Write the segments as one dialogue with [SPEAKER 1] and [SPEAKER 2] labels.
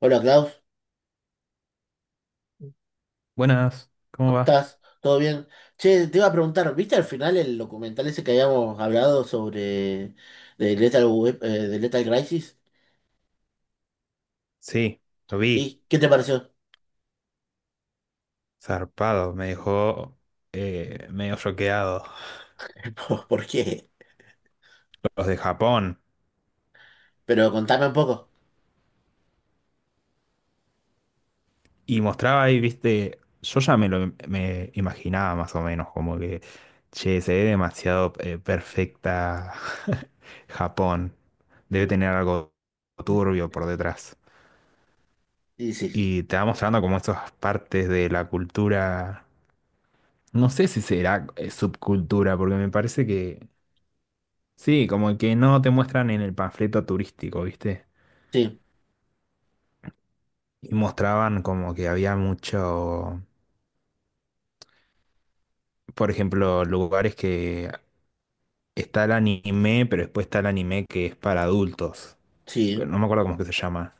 [SPEAKER 1] Hola Klaus,
[SPEAKER 2] Buenas, ¿cómo
[SPEAKER 1] ¿cómo
[SPEAKER 2] va?
[SPEAKER 1] estás? ¿Todo bien? Che, te iba a preguntar, ¿viste al final el documental ese que habíamos hablado sobre de Lethal, de Lethal Crisis?
[SPEAKER 2] Sí, lo vi,
[SPEAKER 1] ¿Y qué te pareció?
[SPEAKER 2] zarpado, me dejó medio choqueado.
[SPEAKER 1] ¿Por qué?
[SPEAKER 2] Los de Japón.
[SPEAKER 1] Pero contame un poco.
[SPEAKER 2] Y mostraba ahí, viste, yo ya me lo me imaginaba más o menos, como que, che, se ve demasiado perfecta Japón. Debe
[SPEAKER 1] Mm.
[SPEAKER 2] tener algo turbio por detrás.
[SPEAKER 1] Y
[SPEAKER 2] Y te va mostrando como esas partes de la cultura, no sé si será subcultura, porque me parece que sí, como que no te muestran en el panfleto turístico, ¿viste?
[SPEAKER 1] sí,
[SPEAKER 2] Y mostraban como que había mucho, por ejemplo, lugares que está el anime, pero después está el anime que es para adultos.
[SPEAKER 1] sí,
[SPEAKER 2] No me acuerdo cómo es que se llama.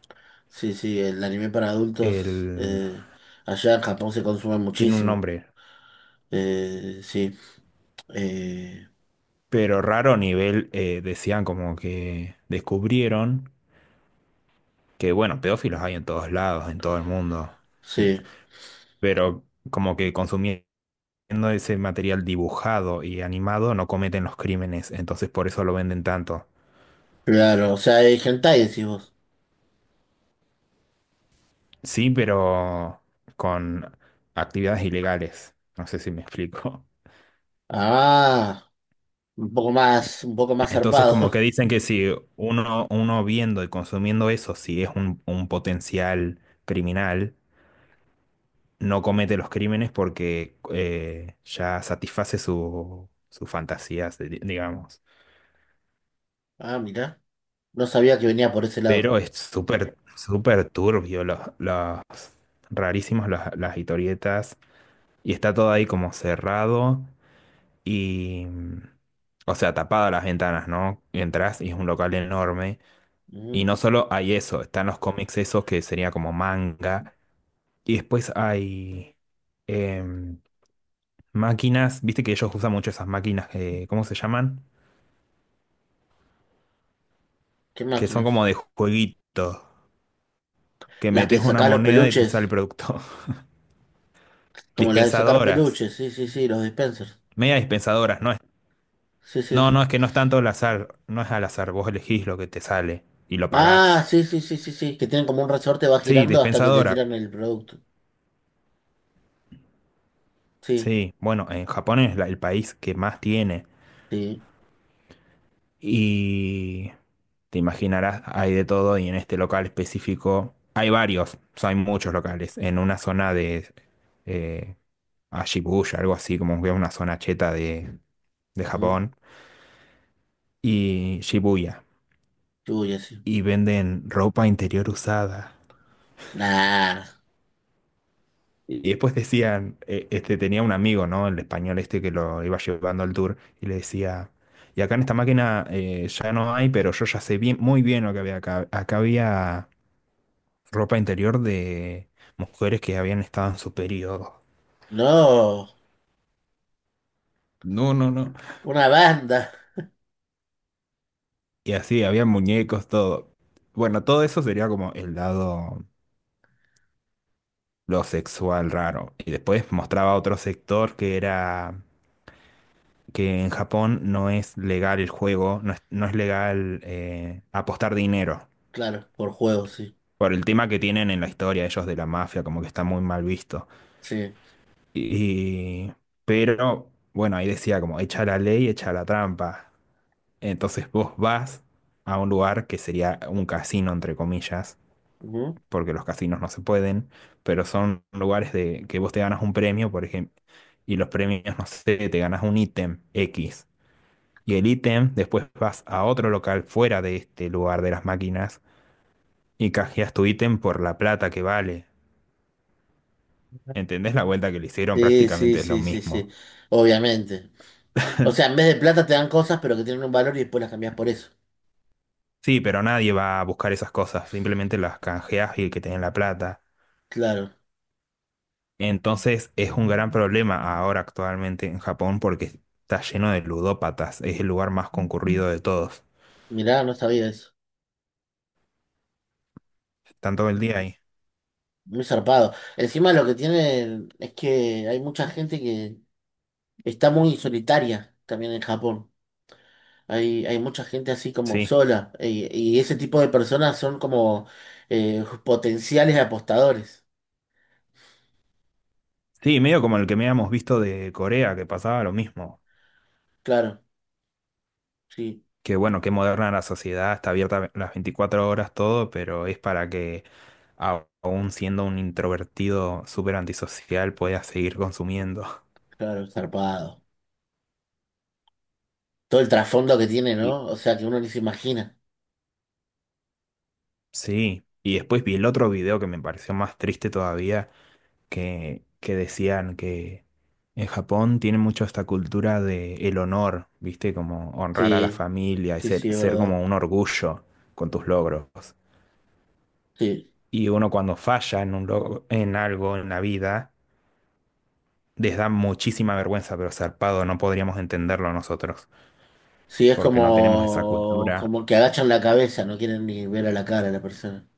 [SPEAKER 1] sí, el anime para adultos
[SPEAKER 2] El...
[SPEAKER 1] allá en Japón se consume
[SPEAKER 2] Tiene un
[SPEAKER 1] muchísimo.
[SPEAKER 2] nombre,
[SPEAKER 1] Sí, eh,
[SPEAKER 2] pero raro a nivel, decían como que descubrieron que, bueno, pedófilos hay en todos lados, en todo el mundo,
[SPEAKER 1] sí,
[SPEAKER 2] pero como que consumían. Siendo ese material dibujado y animado, no cometen los crímenes, entonces por eso lo venden tanto.
[SPEAKER 1] claro, o sea, hay hentai, decís vos.
[SPEAKER 2] Sí, pero con actividades ilegales. No sé si me explico.
[SPEAKER 1] Ah, un poco más
[SPEAKER 2] Entonces, como que
[SPEAKER 1] zarpado.
[SPEAKER 2] dicen que si uno viendo y consumiendo eso, si es un potencial criminal, no comete los crímenes porque ya satisface sus fantasías, digamos.
[SPEAKER 1] Ah, mirá. No sabía que venía por ese lado.
[SPEAKER 2] Pero es súper turbio los rarísimos las historietas. Y está todo ahí como cerrado y, o sea, tapadas las ventanas, ¿no? Y entrás y es un local enorme.
[SPEAKER 1] Ujú.
[SPEAKER 2] Y no solo hay eso, están los cómics esos que sería como manga. Y después hay em, máquinas, viste que ellos usan mucho esas máquinas, que, ¿cómo se llaman?
[SPEAKER 1] ¿Qué
[SPEAKER 2] Que son
[SPEAKER 1] máquinas?
[SPEAKER 2] como de jueguito, que
[SPEAKER 1] Las que
[SPEAKER 2] metes una
[SPEAKER 1] sacás los
[SPEAKER 2] moneda y te sale
[SPEAKER 1] peluches.
[SPEAKER 2] el producto.
[SPEAKER 1] Como las de sacar
[SPEAKER 2] Dispensadoras,
[SPEAKER 1] peluches. Sí, sí, sí, los dispensers.
[SPEAKER 2] media dispensadoras, no es,
[SPEAKER 1] Sí, sí.
[SPEAKER 2] no, no, es que no es tanto al azar, no es al azar, vos elegís lo que te sale y lo pagás.
[SPEAKER 1] Ah, sí, sí, sí, sí, sí. Que tienen como un resorte, va
[SPEAKER 2] Sí,
[SPEAKER 1] girando hasta que te
[SPEAKER 2] dispensadora.
[SPEAKER 1] tiran el producto. Sí,
[SPEAKER 2] Sí, bueno, en Japón es el país que más tiene.
[SPEAKER 1] sí.
[SPEAKER 2] Y te imaginarás, hay de todo y en este local específico hay varios, o sea, hay muchos locales. En una zona de eh, a Shibuya, algo así, como que una zona cheta de
[SPEAKER 1] Ujú.
[SPEAKER 2] Japón. Y Shibuya.
[SPEAKER 1] Uy, así.
[SPEAKER 2] Y venden ropa interior usada.
[SPEAKER 1] Nah.
[SPEAKER 2] Y después decían, este tenía un amigo, ¿no? El español este que lo iba llevando al tour y le decía, y acá en esta máquina ya no hay, pero yo ya sé bien, muy bien lo que había acá. Acá había ropa interior de mujeres que habían estado en su periodo.
[SPEAKER 1] No.
[SPEAKER 2] No, no, no.
[SPEAKER 1] Una banda.
[SPEAKER 2] Y así, había muñecos, todo. Bueno, todo eso sería como el lado, lo sexual raro. Y después mostraba otro sector que era que en Japón no es legal el juego, no es, no es legal apostar dinero.
[SPEAKER 1] Claro, por juego, sí.
[SPEAKER 2] Por el tema que tienen en la historia ellos de la mafia, como que está muy mal visto.
[SPEAKER 1] Sí.
[SPEAKER 2] Y, pero, bueno, ahí decía como, echa la ley, echa la trampa. Entonces vos vas a un lugar que sería un casino, entre comillas,
[SPEAKER 1] Ujú.
[SPEAKER 2] porque los casinos no se pueden, pero son lugares de que vos te ganas un premio, por ejemplo, y los premios, no sé, te ganas un ítem X. Y el ítem, después vas a otro local fuera de este lugar de las máquinas y canjeas tu ítem por la plata que vale. ¿Entendés la vuelta que le hicieron?
[SPEAKER 1] Sí, sí,
[SPEAKER 2] Prácticamente es lo
[SPEAKER 1] sí, sí, sí.
[SPEAKER 2] mismo.
[SPEAKER 1] Obviamente. O sea, en vez de plata te dan cosas, pero que tienen un valor y después las cambias por eso.
[SPEAKER 2] Sí, pero nadie va a buscar esas cosas, simplemente las canjeas y el que tiene la plata.
[SPEAKER 1] Claro.
[SPEAKER 2] Entonces es un gran problema ahora actualmente en Japón porque está lleno de ludópatas, es el lugar más concurrido de todos.
[SPEAKER 1] Mirá, no sabía eso.
[SPEAKER 2] Están todo el día ahí.
[SPEAKER 1] Muy zarpado. Encima lo que tiene es que hay mucha gente que está muy solitaria también en Japón. Hay mucha gente así como
[SPEAKER 2] Sí,
[SPEAKER 1] sola. Y ese tipo de personas son como potenciales apostadores.
[SPEAKER 2] sí, medio como el que habíamos visto de Corea, que pasaba lo mismo.
[SPEAKER 1] Claro, sí,
[SPEAKER 2] Que bueno, qué moderna la sociedad, está abierta las 24 horas todo, pero es para que aún siendo un introvertido súper antisocial puedas seguir consumiendo.
[SPEAKER 1] claro, zarpado. Todo el trasfondo que tiene,
[SPEAKER 2] Y
[SPEAKER 1] ¿no? O sea, que uno ni se imagina.
[SPEAKER 2] sí, y después vi el otro video que me pareció más triste todavía, que decían que en Japón tienen mucho esta cultura de el honor, ¿viste? Como honrar a la
[SPEAKER 1] Sí,
[SPEAKER 2] familia y
[SPEAKER 1] sí,
[SPEAKER 2] ser,
[SPEAKER 1] sí, es
[SPEAKER 2] ser
[SPEAKER 1] verdad.
[SPEAKER 2] como un orgullo con tus logros.
[SPEAKER 1] Sí,
[SPEAKER 2] Y uno cuando falla en un logro, en algo en la vida, les da muchísima vergüenza, pero zarpado, no podríamos entenderlo nosotros,
[SPEAKER 1] sí, es
[SPEAKER 2] porque no tenemos esa
[SPEAKER 1] como,
[SPEAKER 2] cultura.
[SPEAKER 1] como que agachan la cabeza, no quieren ni ver a la cara a la persona.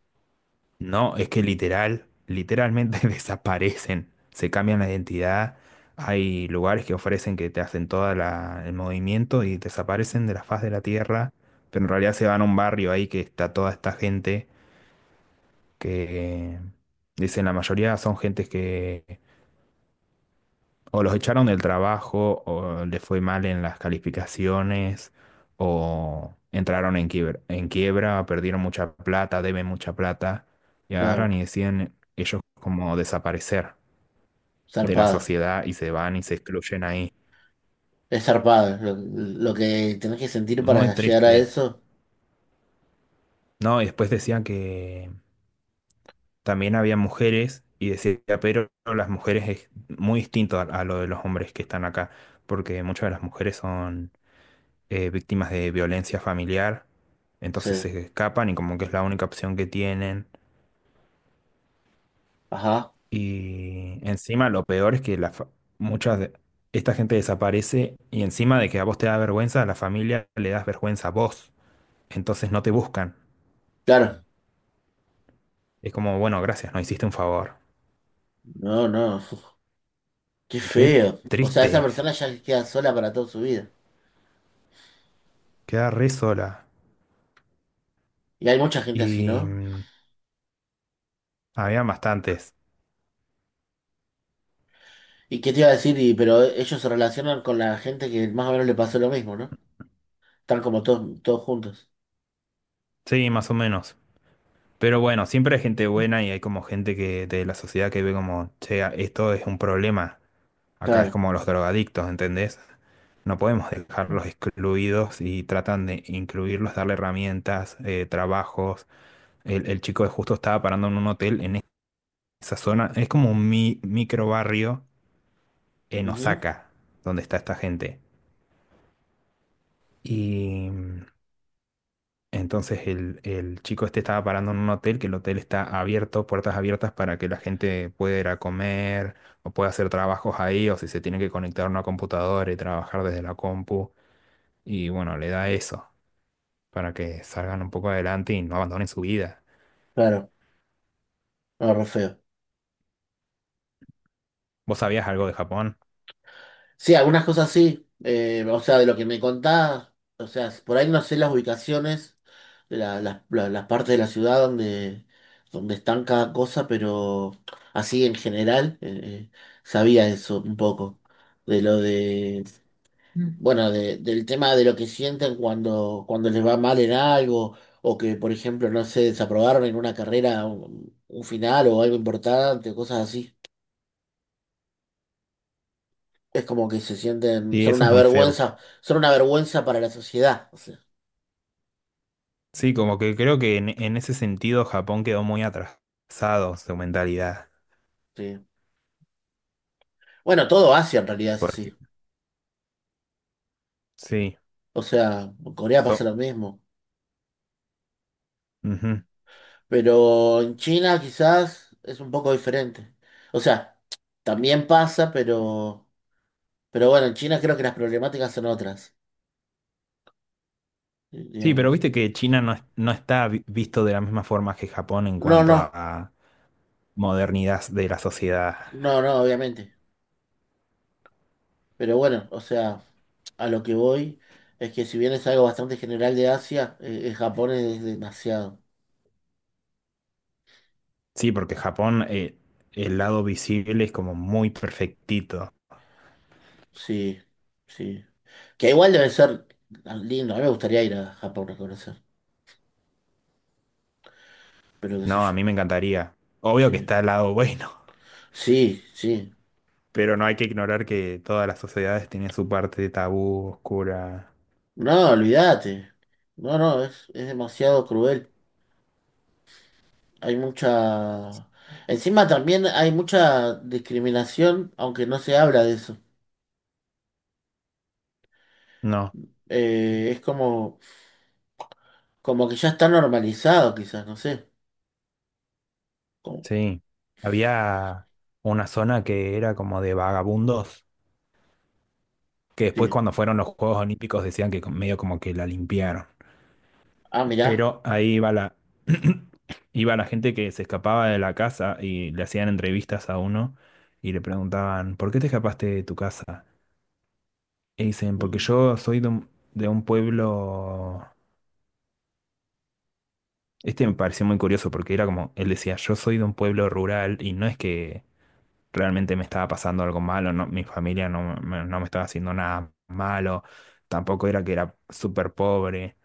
[SPEAKER 2] No, es que literal, literalmente desaparecen, se cambian la identidad. Hay lugares que ofrecen que te hacen todo el movimiento y desaparecen de la faz de la tierra, pero en realidad se van a un barrio ahí que está toda esta gente que, dicen, la mayoría son gentes que o los echaron del trabajo, o les fue mal en las calificaciones, o entraron en quiebra, perdieron mucha plata, deben mucha plata, y
[SPEAKER 1] Claro,
[SPEAKER 2] agarran y deciden ellos como desaparecer de la
[SPEAKER 1] zarpado.
[SPEAKER 2] sociedad y se van y se excluyen ahí.
[SPEAKER 1] Es zarpado, lo que tenés que sentir
[SPEAKER 2] Muy
[SPEAKER 1] para llegar a
[SPEAKER 2] triste.
[SPEAKER 1] eso.
[SPEAKER 2] No, y después decían que también había mujeres, y decía, pero las mujeres es muy distinto a lo de los hombres que están acá, porque muchas de las mujeres son víctimas de violencia familiar, entonces
[SPEAKER 1] Sí.
[SPEAKER 2] se escapan y como que es la única opción que tienen.
[SPEAKER 1] Ajá.
[SPEAKER 2] Y encima lo peor es que muchas de esta gente desaparece y encima de que a vos te da vergüenza, a la familia le das vergüenza a vos, entonces no te buscan.
[SPEAKER 1] Claro.
[SPEAKER 2] Es como, bueno, gracias, no hiciste un favor.
[SPEAKER 1] No, no. Uf, qué
[SPEAKER 2] Re
[SPEAKER 1] feo. O sea,
[SPEAKER 2] triste,
[SPEAKER 1] esa persona ya queda sola para toda su vida.
[SPEAKER 2] queda re sola.
[SPEAKER 1] Y hay mucha gente así,
[SPEAKER 2] Y
[SPEAKER 1] ¿no?
[SPEAKER 2] había bastantes,
[SPEAKER 1] ¿Y qué te iba a decir? Y pero ellos se relacionan con la gente que más o menos le pasó lo mismo, ¿no? Están como todos, todos juntos.
[SPEAKER 2] sí, más o menos. Pero bueno, siempre hay gente buena y hay como gente que de la sociedad que ve como, che, esto es un problema. Acá es
[SPEAKER 1] Claro.
[SPEAKER 2] como los drogadictos, ¿entendés? No podemos dejarlos excluidos y tratan de incluirlos, darle herramientas, trabajos. El chico de justo estaba parando en un hotel en esa zona. Es como un micro barrio en
[SPEAKER 1] Ujú,
[SPEAKER 2] Osaka, donde está esta gente. Y entonces el chico este estaba parando en un hotel, que el hotel está abierto, puertas abiertas para que la gente pueda ir a comer o pueda hacer trabajos ahí, o si se tiene que conectar a una computadora y trabajar desde la compu. Y bueno, le da eso para que salgan un poco adelante y no abandonen su vida.
[SPEAKER 1] claro. No, re feo.
[SPEAKER 2] ¿Vos sabías algo de Japón?
[SPEAKER 1] Sí, algunas cosas sí. O sea, de lo que me contás, o sea, por ahí no sé las ubicaciones, las partes de la ciudad donde, donde están cada cosa, pero así en general sabía eso un poco. De lo de, bueno, del tema de lo que sienten cuando, cuando les va mal en algo, o que, por ejemplo, no se desaprobaron en una carrera un final o algo importante, cosas así. Es como que se sienten,
[SPEAKER 2] Sí, eso es muy feo.
[SPEAKER 1] son una vergüenza para la sociedad. O sea,
[SPEAKER 2] Sí, como que creo que en ese sentido Japón quedó muy atrasado su mentalidad.
[SPEAKER 1] sí. Bueno, todo Asia en realidad es así.
[SPEAKER 2] Porque sí,
[SPEAKER 1] O sea, en Corea
[SPEAKER 2] so-
[SPEAKER 1] pasa lo mismo.
[SPEAKER 2] ujú.
[SPEAKER 1] Pero en China quizás es un poco diferente. O sea, también pasa, pero bueno, en China creo que las problemáticas son otras,
[SPEAKER 2] Sí, pero
[SPEAKER 1] digamos.
[SPEAKER 2] viste que China no, no está visto de la misma forma que Japón en
[SPEAKER 1] No,
[SPEAKER 2] cuanto
[SPEAKER 1] no,
[SPEAKER 2] a modernidad de la sociedad.
[SPEAKER 1] no, no, obviamente. Pero bueno, o sea, a lo que voy es que si bien es algo bastante general de Asia, Japón es demasiado.
[SPEAKER 2] Sí, porque Japón, el lado visible es como muy perfectito.
[SPEAKER 1] Sí, sí. Que igual debe ser lindo. A mí me gustaría ir a Japón a conocer. Pero qué sé
[SPEAKER 2] No,
[SPEAKER 1] yo.
[SPEAKER 2] a mí me encantaría. Obvio que
[SPEAKER 1] Sí.
[SPEAKER 2] está el lado bueno,
[SPEAKER 1] Sí, sí.
[SPEAKER 2] pero no hay que ignorar que todas las sociedades tienen su parte tabú, oscura.
[SPEAKER 1] No, olvídate. No, no, es demasiado cruel. Hay mucha... Encima también hay mucha discriminación, aunque no se habla de eso.
[SPEAKER 2] No,
[SPEAKER 1] Es como, como que ya está normalizado, quizás, no sé. Como-
[SPEAKER 2] sí. Había una zona que era como de vagabundos, que después
[SPEAKER 1] sí.
[SPEAKER 2] cuando fueron los Juegos Olímpicos decían que medio como que la limpiaron.
[SPEAKER 1] Ah, mirá.
[SPEAKER 2] Pero ahí iba la, iba la gente que se escapaba de la casa y le hacían entrevistas a uno y le preguntaban, ¿por qué te escapaste de tu casa? Y dicen, porque
[SPEAKER 1] Mm,
[SPEAKER 2] yo soy de un pueblo. Este me pareció muy curioso porque era como, él decía, yo soy de un pueblo rural y no es que realmente me estaba pasando algo malo, no, mi familia no me, no me estaba haciendo nada malo, tampoco era que era súper pobre,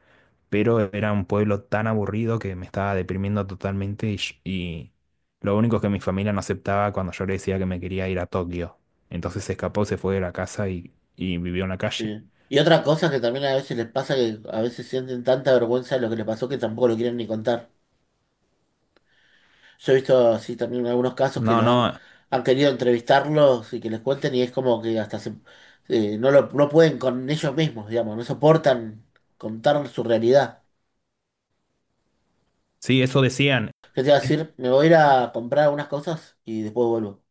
[SPEAKER 2] pero era un pueblo tan aburrido que me estaba deprimiendo totalmente y, y lo único que mi familia no aceptaba cuando yo le decía que me quería ir a Tokio. Entonces se escapó, se fue de la casa y vivió en la calle.
[SPEAKER 1] sí. Y otra cosa que también a veces les pasa que a veces sienten tanta vergüenza de lo que les pasó que tampoco lo quieren ni contar. Yo he visto así también algunos casos que
[SPEAKER 2] No,
[SPEAKER 1] los han,
[SPEAKER 2] no,
[SPEAKER 1] han querido entrevistarlos y que les cuenten y es como que hasta se- no lo, no pueden con ellos mismos, digamos, no soportan contar su realidad.
[SPEAKER 2] sí, eso decían.
[SPEAKER 1] Yo te iba a decir, me voy a ir a comprar algunas cosas y después vuelvo.